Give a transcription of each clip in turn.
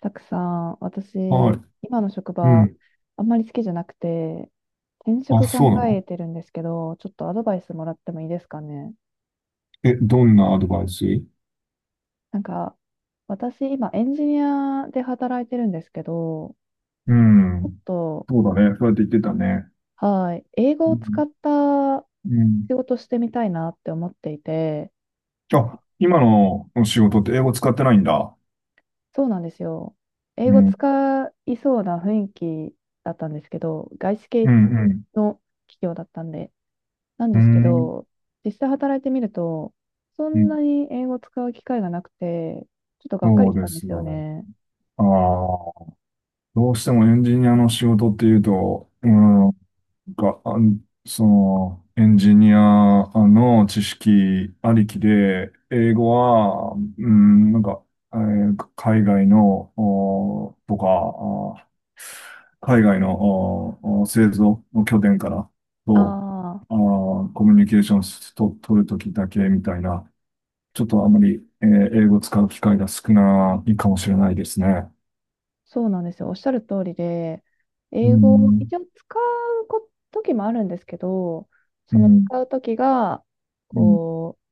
たくさん、は私、い。今の職う場、ん。あんまり好きじゃなくて、転あ、職考そうなえの？てるんですけど、ちょっとアドバイスもらってもいいですかね？え、どんなアドバイス？なんか、私、今、エンジニアで働いてるんですけど、うちょっん。と、そうだね。そうやって言ってたね。はい、英語うを使ん。ったうん。仕事してみたいなって思っていて、あ、今の仕事って英語使ってないんだ。そうなんですよ。英う語ん。使いそうな雰囲気だったんですけど、外資系うん、うん。の企業だったんで、なんうですけん。ど、実際働いてみると、そうんん。なに英語を使う機会がなくて、ちょっとがっかそりうしでたんですすよよね。ね。ああ、どうしてもエンジニアの仕事っていうと、うん、なんか、エンジニアの知識ありきで、英語は、うん、なんか、えー海外の、おとか、あ海外のお製造の拠点からあと、あ、あーコミュニケーションと取るときだけみたいな、ちょっとあまり、英語を使う機会が少ないかもしれないですね。そうなんですよ。おっしゃる通りで、う英語をん、一応使うこ時もあるんですけど、うそのん、使う時が、うん、こう、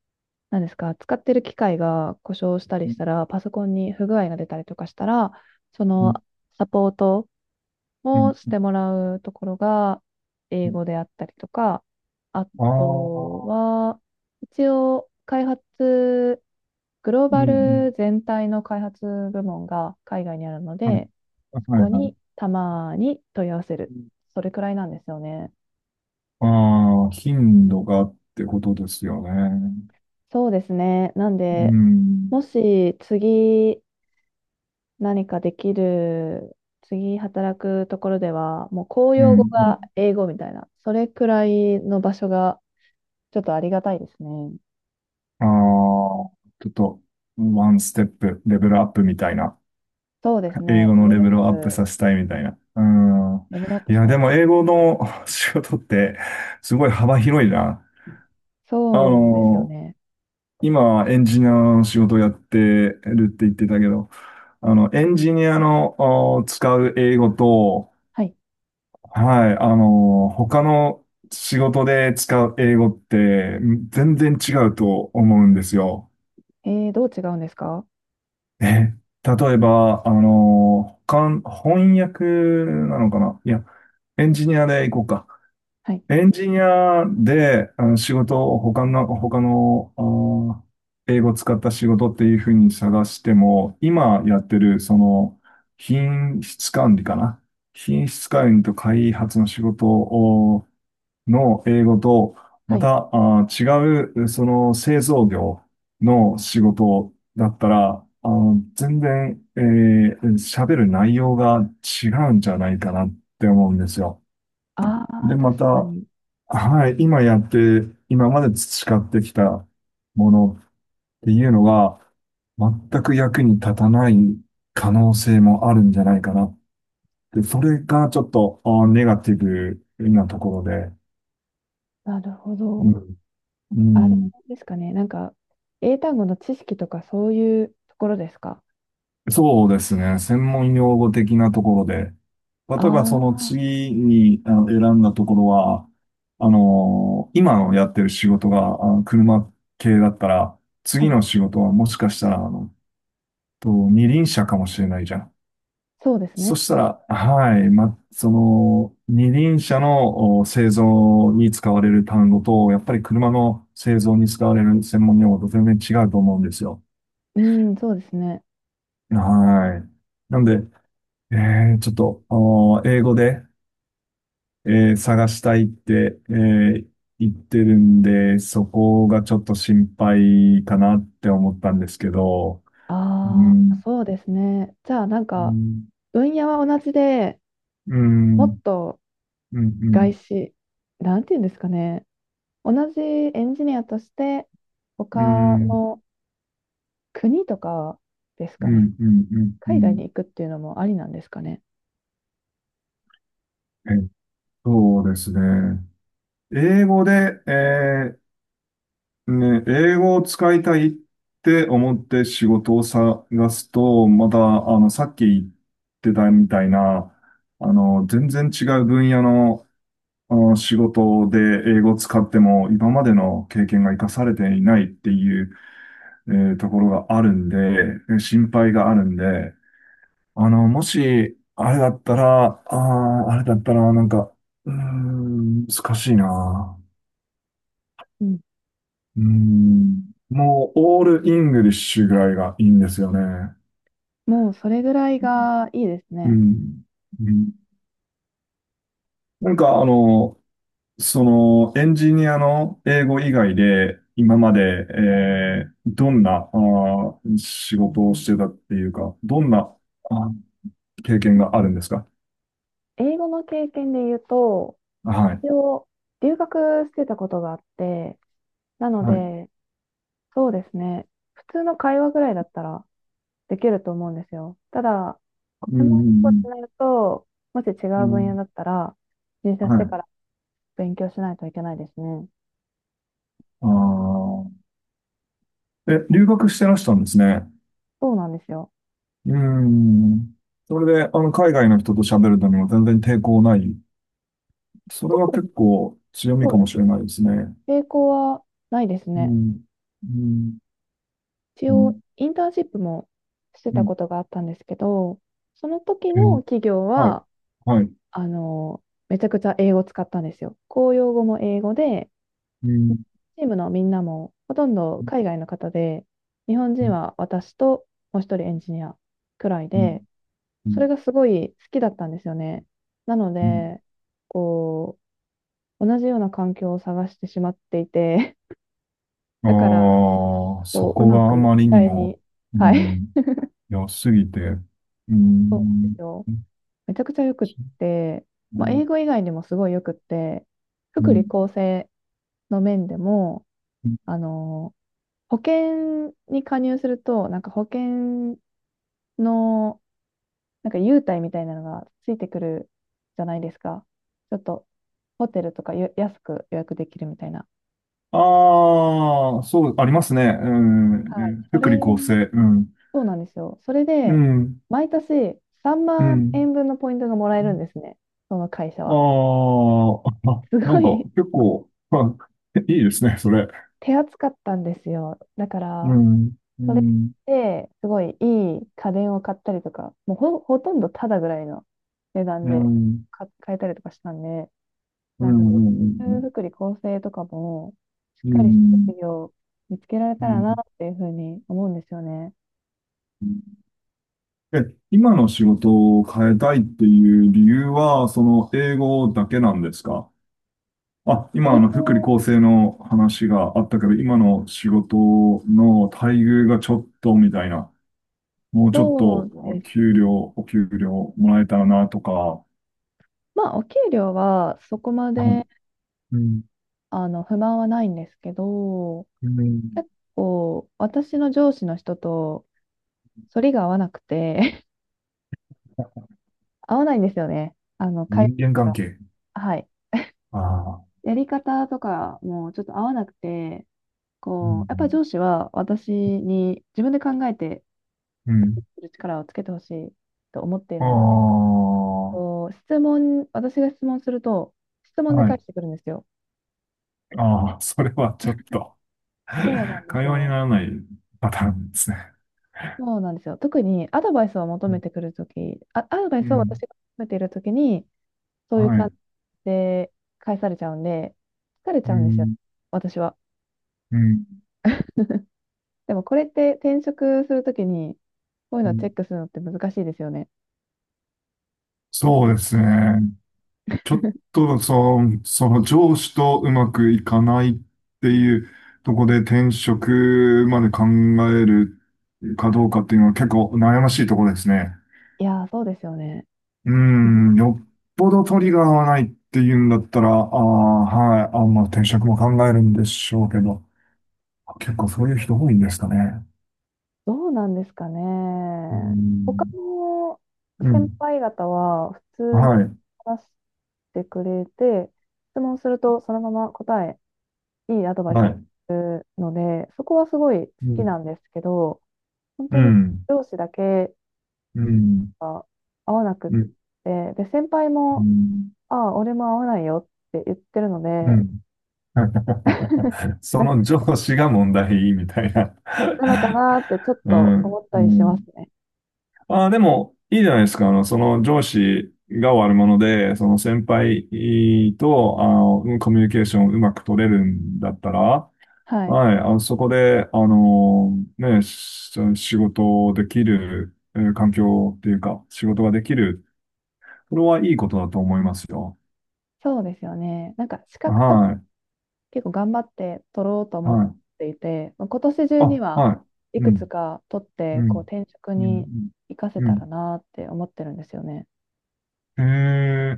なんですか、使ってる機械が故障したりしたうら、パソコンに不具合が出たりとかしたら、そん、のサポートうん、をしてもらうところがう英ん。語であったりとか、ああとあ。は、一応開発、グローうん。うバん。ル全体の開発部門が海外にあるのはい。で、そはいこはい。にたまに問い合わせる。それくらいなんですよね。ああ、頻度がってことですよね。そうですね。なんうで、ん。もし次何かできる、次働くところでは、もう公うん。用語うがん。英語みたいな、それくらいの場所がちょっとありがたいですね。ああー、ちょっと、ワンステップ、レベルアップみたいな。そうです英ね。語のレベルをアッププ、させたいみたいな。うん。レベルアップいしや、たいででもす。英語の 仕事って、すごい幅広いな。あそうですよの、ね。今、エンジニアの仕事をやってるって言ってたけど、あの、エンジニアの使う英語と、はい。はい。あの、他の仕事で使う英語って全然違うと思うんですよ。どう違うんですか？え、例えば、あの、他、翻訳なのかな、いや、エンジニアで行こうか。はい。エンジニアで、あの、仕事を他の、ー英語を使った仕事っていうふうに探しても、今やってる、その、品質管理かな。品質管理と開発の仕事の英語と、はまい。た、違う、その製造業の仕事だったら、全然、喋る内容が違うんじゃないかなって思うんですよ。ああ、で、ま確た、かに。はい、今まで培ってきたものっていうのが、全く役に立たない可能性もあるんじゃないかなって、それがちょっと、ネガティブなところで、なるほうど。ん。うあれん。ですかね。なんか、英単語の知識とかそういうところですか？そうですね。専門用語的なところで。例えばそのああ次にあの選んだところは、あの、今のやってる仕事があの車系だったら、ー、は次い。の仕事はもしかしたら、あの、二輪車かもしれないじゃん。そうですそね。したら、はい、ま、その、二輪車の製造に使われる単語と、やっぱり車の製造に使われる専門用語と全然違うと思うんですよ。うん、そうですね。はい。なんで、えちょっと、あの、英語で、探したいって、言ってるんで、そこがちょっと心配かなって思ったんですけど、うああ、ん、そうですね。じゃあ、なんうか、ん、分野は同じで、うもっん、とうん、う外ん、資、なんていうんですかね。同じエンジニアとして、他うん、の国とかですうかね？ん、うん、うん、う海外ん。に行くっていうのもありなんですかね？えそうですね。英語で、英語を使いたいって思って仕事を探すと、また、あの、さっき言ってたみたいな、あの、全然違う分野の、あの仕事で英語を使っても、今までの経験が活かされていないっていう、ところがあるんで、心配があるんで、あの、もし、あれだったら、なんか、うーん、難しいな。うん。うん。もう、オールイングリッシュぐらいがいいんですよね。もうそれぐらいがいいですうね。ん。うん。なんか、あの、その、エンジニアの英語以外で、今まで、どんな、仕事をしてたっていうか、どんな、あ、経験があるんですか？英語の経験で言うと、はい。一応留学してたことがあって、なのはい。で、そうですね。普通の会話ぐらいだったらできると思うんですよ。ただ、うん、う専門用語ってん、なると、もし違うん。うう分野だっん。たら、入社はしてい。から勉強しないといけないですね。ああ。え、あ、留学してらしたんですね。そうなんですよ。うん。それで、あの、海外の人と喋るのにも全然抵抗ない。それ特は結に構強みそうかでもすしれないですね。ね。抵抗はないですうね。ん。うん。一うん。応、インターンシップもしてうたん。ことがあったんですけど、その時えのー企業はい。は、はい。あの、めちゃくちゃ英語を使ったんですよ。公用語も英語で、うん。チームのみんなもほとんど海う外の方で、日本人ん。は私ともう一人エンジニアくらいうで、ん。うそん。れがすごい好きだったんですよね。なのうん。で、こう、同じような環境を探してしまっていて、あだから、あー、そこう、うこまがあくま機りに体に、も、うはい、ん、良すぎて、う そうなんでん。すよ。めちゃくちゃよくって、うまあ、ん。英語以外にもすごいよくって、う福利ん。厚生の面でも、あの、保険に加入すると、なんか保険の、なんか優待みたいなのがついてくるじゃないですか。ちょっと、ホテルとかよ安く予約できるみたいな。ああー、そう、ありますね。うん。うはい。ん。そ福利れ、厚生。うん。そうなんですよ。それうで、ん。毎年3う万ん。円分のポイントがもらえるんですね。その会社は。ああ、すなごんかい 結構、いいですね、それ。手厚かったんですよ。だかうら、ん、うそれん、で、すごいいい家電を買ったりとか、もうほとんどタダぐらいの値段うでん、買えたりとかしたんで、うなんか、ん、ルーうルん、作り構成とかも、しっうかりしたん、企業を見つけられうたらなっん。ていうふうに思うんですよね。うん。え、今の仕事を変えたいっていう理由は、その英語だけなんですか？あ、今英あの福語利厚生の話があったけど、今の仕事の待遇がちょっとみたいな、もうちょっそとうです給ね。料、お給料もらえたらなとか、まあ、お給料はそこまうん、で、あの、不満はないんですけど、うん、結構、私の上司の人と、反りが合わないんですよね。あの、会人間話関が。係。はい。ああ、やり方とかもちょっと合わなくて、うこう、ん、やっぱり上司は私に自分で考えてうん。する力をつけてほしいと思っていあるので、あ、こう、質問、私が質問すると、質問では返い。してくるんですよ。ああ、それはちょっと、そうなんです会話になよ。らないパターンですね。そうなんですよ。特にアドバイスを求めてくるとき、あ、アドバイうスを私ん、が求めているときに、そういうは感い。じで返されちゃうんで、疲れちうゃうんですよ、ん、私は。うん、でもこれって転職するときに、こういううのをチェん。ックするのって難しいですよね。そうですね。ちょっと、その上司とうまくいかないっていうとこで転職まで考えるかどうかっていうのは結構悩ましいところですね。いやー、そうですよね。うーん、よっぽどトリガーはないっていうんだったら、ああ、はい、あ、まあ、転職も考えるんでしょうけど、結構そういう人多いんですかね？どうなんですかね。うー他ん、のう先ん、輩方は普通にはい、話してくれて、質問するとそのまま答え、いいアドバイスはをすい、るので、そこはすごい好うきん、なんですけど、本当うにん、上司だけうん、が合わなくっうん、て、で、先輩うも、ん、ああ、俺も合わないよって言ってるのうで、ん。そだの上司が問題みたいな。なのかなってちょっ うとん、思っうたりしますん。ね。ああ、でも、いいじゃないですか。あの、その上司が悪者で、その先輩と、あの、コミュニケーションをうまく取れるんだったら、はい。はい、あの、そこで、あの、ね、仕事できる、環境っていうか、仕事ができる。これはいいことだと思いますよ。そうですよね。なんか資格とかは結構頑張って取ろうとい、思っはい。ていて、まあ今年中にあ、ははいい。うくつん、か取っうてこうん、転職うん、うにん。活かせうたらん。なって思ってるんですよね。へえ。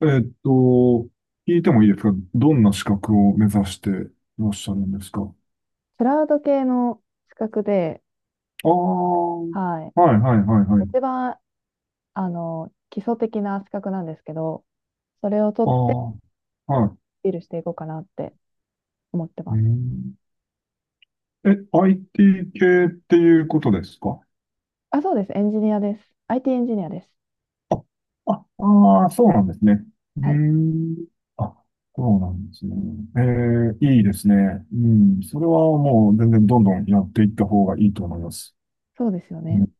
えーっと、聞いてもいいですか？どんな資格を目指していらっしゃるんですか？あクラウド系の資格で、あー、はい、はい、はい、はい、はい。一番あの基礎的な資格なんですけど、それを取っあてアあ、はい。ピールしていこうかなって思ってまうす。ん、え、IT 系っていうことですか？あ、そうです。エンジニアです。IT エンジニアです。あ、あそうなんですね。うーはい、ん。あ、そうなんですね。えいいですね。うん。それはもう全然どんどんやっていった方がいいと思います。そうですようね。ん